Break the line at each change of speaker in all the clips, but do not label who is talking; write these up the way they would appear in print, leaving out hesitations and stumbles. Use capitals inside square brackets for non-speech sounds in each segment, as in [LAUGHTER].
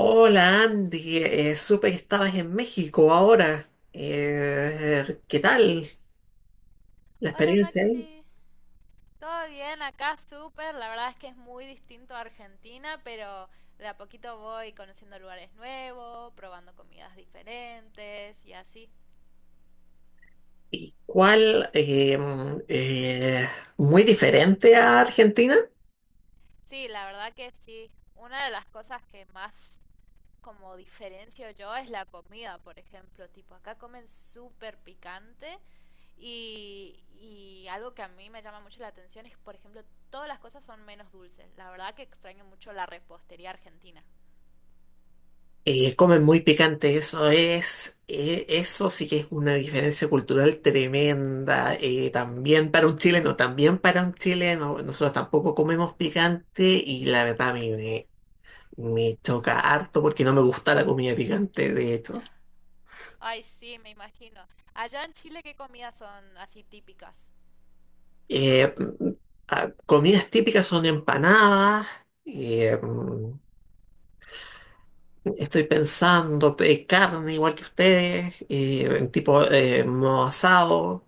Hola Andy, supe que estabas en México ahora. ¿Qué tal la
Hola
experiencia ahí?
Maxi, todo bien acá, súper. La verdad es que es muy distinto a Argentina, pero de a poquito voy conociendo lugares nuevos, probando comidas diferentes y así.
¿Cuál? Muy diferente a Argentina.
Sí, la verdad que sí. Una de las cosas que más como diferencio yo es la comida, por ejemplo. Tipo, acá comen súper picante y algo que a mí me llama mucho la atención es, por ejemplo, todas las cosas son menos dulces. La verdad que extraño mucho la repostería argentina.
Comen muy picante, eso es, eso sí que es una diferencia cultural tremenda. También para un chileno, nosotros tampoco comemos picante y la verdad me
Sí.
choca harto porque no me gusta la comida picante, de hecho.
Ay, sí, me imagino. Allá en Chile, ¿qué comidas son así típicas?
Eh, Comidas típicas son empanadas. eh, Estoy pensando, carne igual que ustedes, en tipo modo asado.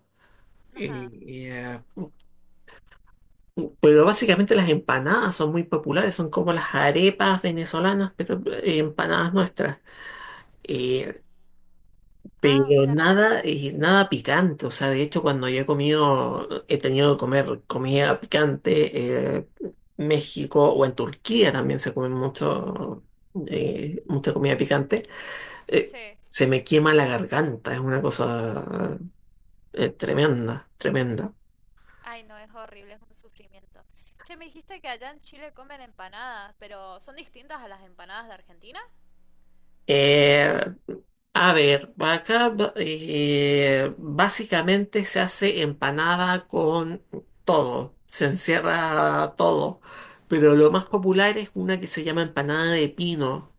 Ajá.
eh, pero básicamente las empanadas son muy populares, son como las arepas venezolanas, pero empanadas nuestras. Eh,
Ah, o
Pero
sea,
nada, nada picante, o sea, de hecho cuando yo he comido, he tenido que comer comida picante, México o en Turquía también se come mucho, mucha comida picante, eh,
sí.
se me quema la garganta, es una cosa, tremenda, tremenda.
Ay, no, es horrible, es un sufrimiento. Che, me dijiste que allá en Chile comen empanadas, pero ¿son distintas a las empanadas de Argentina?
Eh, A ver, básicamente se hace empanada con todo, se encierra todo, pero lo más popular es una que se llama empanada de pino,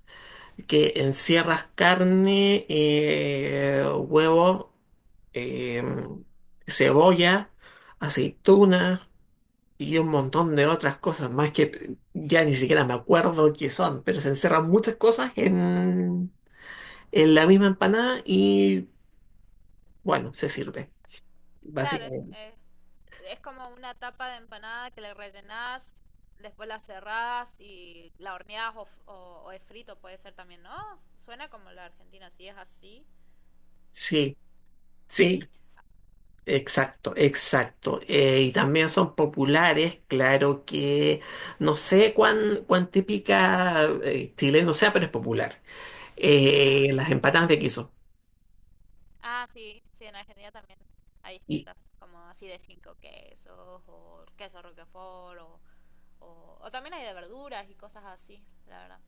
que encierras carne, huevo, eh, cebolla, aceituna y un montón de otras cosas más que ya ni siquiera me acuerdo qué son, pero se encierran muchas cosas en la misma empanada y bueno, se sirve,
Claro,
básicamente.
es como una tapa de empanada que le rellenás, después la cerrás y la horneás o, o es frito, puede ser también, ¿no? Suena como la Argentina, si es así.
Sí,
Sí.
sí, exacto, exacto. Y también son populares, claro que no sé cuán típica chileno sea, pero es popular.
Ajá.
Las empanadas de queso.
Ah, sí, sí, en Argentina también hay
Y
distintas, como así de cinco quesos, o queso roquefort, o también hay de verduras y cosas así, la verdad.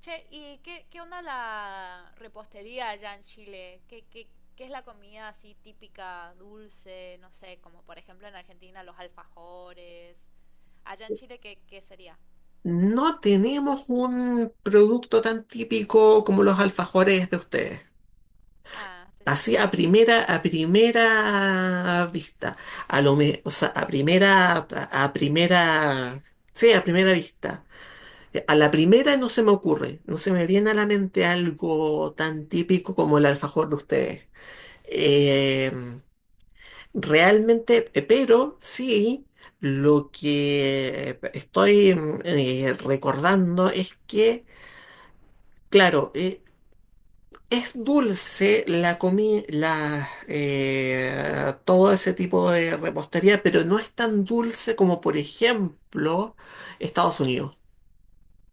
Che, ¿y qué, qué onda la repostería allá en Chile? ¿Qué, qué, qué es la comida así típica, dulce, no sé, como por ejemplo en Argentina los alfajores? Allá en Chile, ¿qué, qué sería?
no tenemos un producto tan típico como los alfajores de ustedes.
Ah, sí.
Así a primera vista, o sea, a primera, sí, a primera vista. A la primera no se me ocurre, no se me viene a la mente algo tan típico como el alfajor de ustedes. Eh, pero sí, lo que estoy recordando es que, claro, es dulce la comida, todo ese tipo de repostería, pero no es tan dulce como, por ejemplo, Estados Unidos.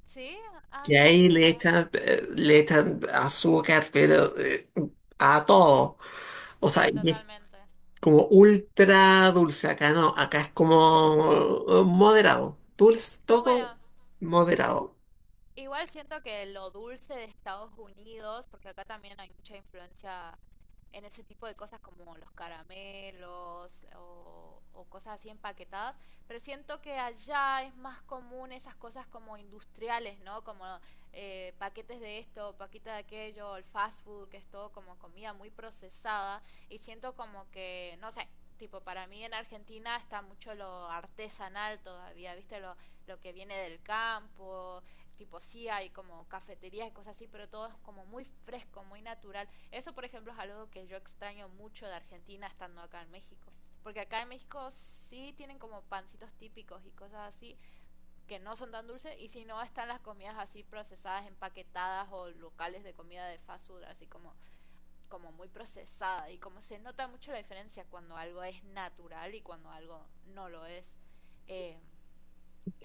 ¿Sí? Ah,
Que
mira
ahí
qué raro.
le echan azúcar, a todo. O sea,
Sí,
y es
totalmente.
como ultra dulce. Acá no, acá es como moderado. Dulce, todo
Bueno,
moderado.
igual siento que lo dulce de Estados Unidos, porque acá también hay mucha influencia en ese tipo de cosas como los caramelos o cosas así empaquetadas, pero siento que allá es más común esas cosas como industriales, ¿no? Como paquetes de esto, paquetes de aquello, el fast food, que es todo como comida muy procesada, y siento como que, no sé. Tipo, para mí en Argentina está mucho lo artesanal todavía, ¿viste? Lo que viene del campo, tipo sí hay como cafeterías y cosas así, pero todo es como muy fresco, muy natural. Eso, por ejemplo, es algo que yo extraño mucho de Argentina estando acá en México. Porque acá en México sí tienen como pancitos típicos y cosas así que no son tan dulces y si no están las comidas así procesadas, empaquetadas o locales de comida de fast food así como, como muy procesada y como se nota mucho la diferencia cuando algo es natural y cuando algo no lo es. Eh,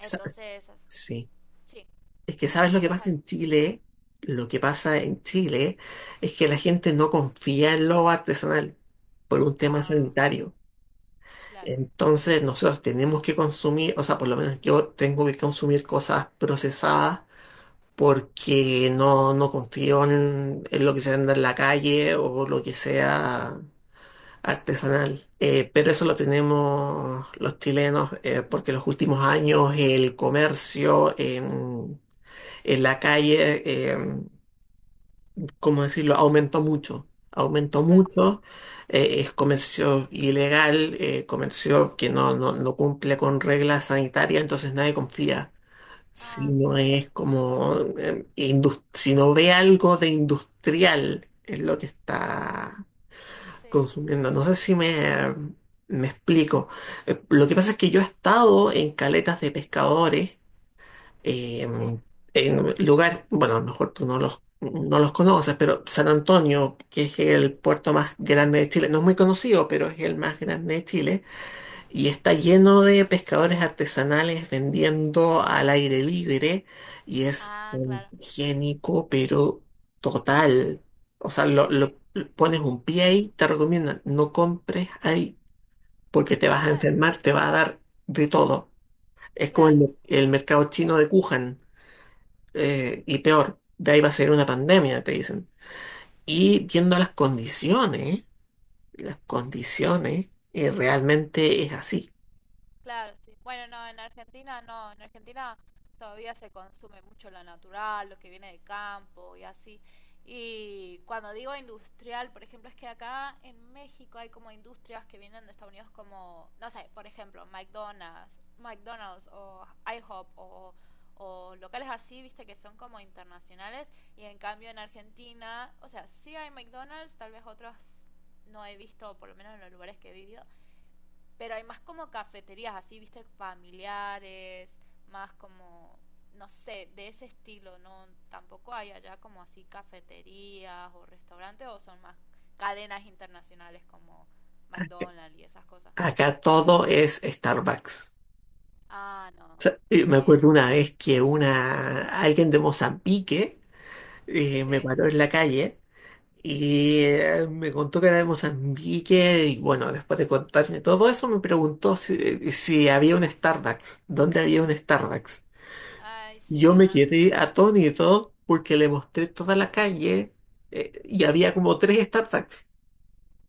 Sa- Sí.
sí,
Es que
sí, sí,
¿sabes lo
me
que
ibas a
pasa
decir...
en Chile? Lo que pasa en Chile es que la gente no confía en lo artesanal por un tema
ah,
sanitario.
claro,
Entonces nosotros tenemos que consumir, o sea, por lo menos yo tengo que consumir cosas procesadas porque no confío en lo que se anda en la calle o lo que sea artesanal. Pero eso lo tenemos los chilenos, porque los últimos años el comercio en la calle, eh, ¿cómo decirlo?, aumentó mucho. Aumentó
claro.
mucho, es comercio ilegal, comercio que no cumple con reglas sanitarias, entonces nadie confía. Si
Ah,
no
mira,
es como, si no ve algo de industrial en lo que está
sí,
consumiendo. No sé si me explico. Lo que pasa es que yo he estado en caletas de pescadores, eh,
sí.
en lugares, bueno, a lo mejor tú no los conoces, pero San Antonio, que es el puerto más grande de Chile, no es muy conocido, pero es el más grande de Chile y está lleno de pescadores artesanales vendiendo al aire libre y es
Ah,
un
claro,
higiénico, pero total. O sea,
sí.
pones un pie ahí, te recomiendan, no compres ahí porque te vas a
Bueno,
enfermar, te va a dar de todo. Es como el,
claro,
el mercado chino de Wuhan y peor, de ahí va a ser una pandemia, te dicen. Y viendo las condiciones, realmente es así.
claro, sí. Bueno, no, en Argentina no, en Argentina todavía se consume mucho lo natural, lo que viene de campo y así. Y cuando digo industrial, por ejemplo, es que acá en México hay como industrias que vienen de Estados Unidos como, no sé, por ejemplo, McDonald's o IHOP o locales así, viste, que son como internacionales. Y en cambio en Argentina, o sea, sí hay McDonald's, tal vez otros no he visto, por lo menos en los lugares que he vivido, pero hay más como cafeterías así, viste, familiares, más como, no sé, de ese estilo, ¿no? Tampoco hay allá como así cafeterías o restaurantes o son más cadenas internacionales como McDonald's y esas cosas.
Acá todo es Starbucks.
Ah, no.
Y me
Sí,
acuerdo una vez que una alguien de Mozambique me
sí.
paró en la calle y me contó que era de Mozambique y bueno, después de contarme todo eso me preguntó si, si había un Starbucks, dónde había un Starbucks.
Ay, sí,
Yo me
nada.
quedé atónito porque le mostré toda la calle y había como tres Starbucks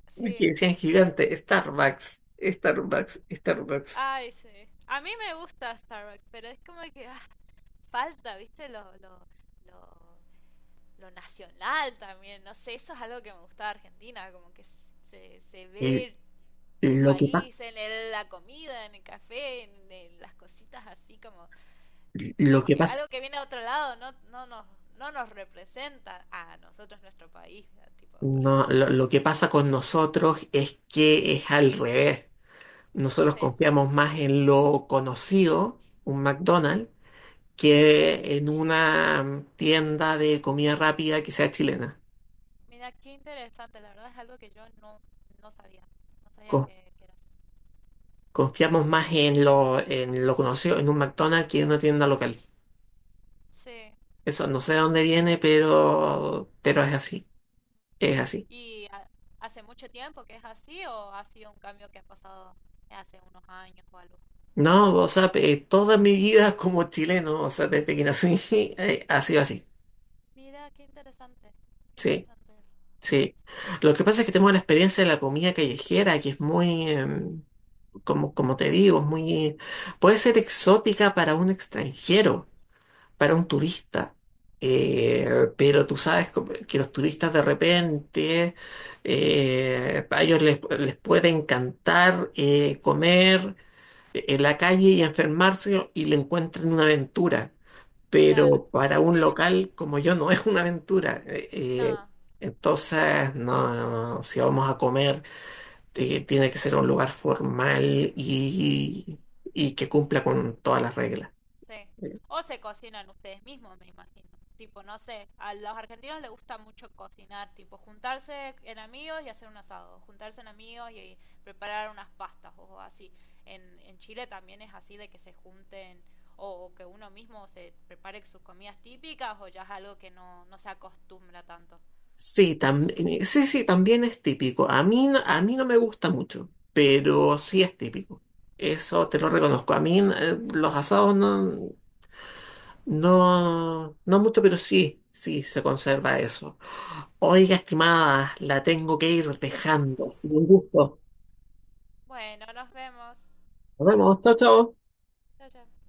Sí,
que decían
sí.
gigante, Starbucks, Starbucks, Starbucks.
Ay, sí. A mí me gusta Starbucks, pero es como que ah, falta, ¿viste? Lo lo nacional también, no sé, eso es algo que me gusta de Argentina, como que se
Y
ve tu
lo que pasa
país en la comida, en el café, en las cositas así, como,
Lo
como
que
que algo
pasa,
que viene de otro lado no, no, nos, no nos representa a nosotros, nuestro país, tipo, por así
no,
decirlo.
lo que pasa con nosotros es que es al revés. Nosotros
Sí,
confiamos más en lo conocido, un McDonald's, que en una tienda de comida rápida que sea chilena.
mira, qué interesante, la verdad es algo que yo no, no sabía, no sabía
Con-
que era así.
Confiamos más en lo conocido, en un McDonald's que en una tienda local.
Sí,
Eso no sé de dónde viene, pero es así. Es así.
¿y hace mucho tiempo que es así o ha sido un cambio que ha pasado hace unos años o algo?
No, o sea, toda mi vida como chileno, o sea, desde que nací, [LAUGHS] ha sido así.
Mira, qué interesante, qué
Sí.
interesante.
Sí, lo que pasa es que tengo la experiencia de la comida callejera, que es muy, como, como te digo, es muy, puede ser exótica para un extranjero, para un turista. Eh, pero tú sabes que los turistas de repente, a ellos les puede encantar comer en la calle y enfermarse y le encuentran una aventura,
Claro,
pero para un
sí,
local como yo no es una aventura.
no,
Entonces, no, si vamos a comer, tiene que ser un lugar formal y que cumpla con todas las reglas.
sí.
Eh,
O se cocinan ustedes mismos, me imagino. Tipo, no sé, a los argentinos les gusta mucho cocinar, tipo, juntarse en amigos y hacer un asado, juntarse en amigos y preparar unas pastas o así. En Chile también es así de que se junten o que uno mismo se prepare sus comidas típicas o ya es algo que no, no se acostumbra tanto.
Sí, también, sí, sí, también es típico. A mí, a mí no me gusta mucho, pero sí es típico. Eso te lo reconozco. A mí los asados no mucho, pero sí, sí se conserva eso. Oiga, estimada, la tengo que ir dejando. Ha sido un gusto.
Bueno, nos vemos.
Nos vemos. Chao, chao.
Chao, chao.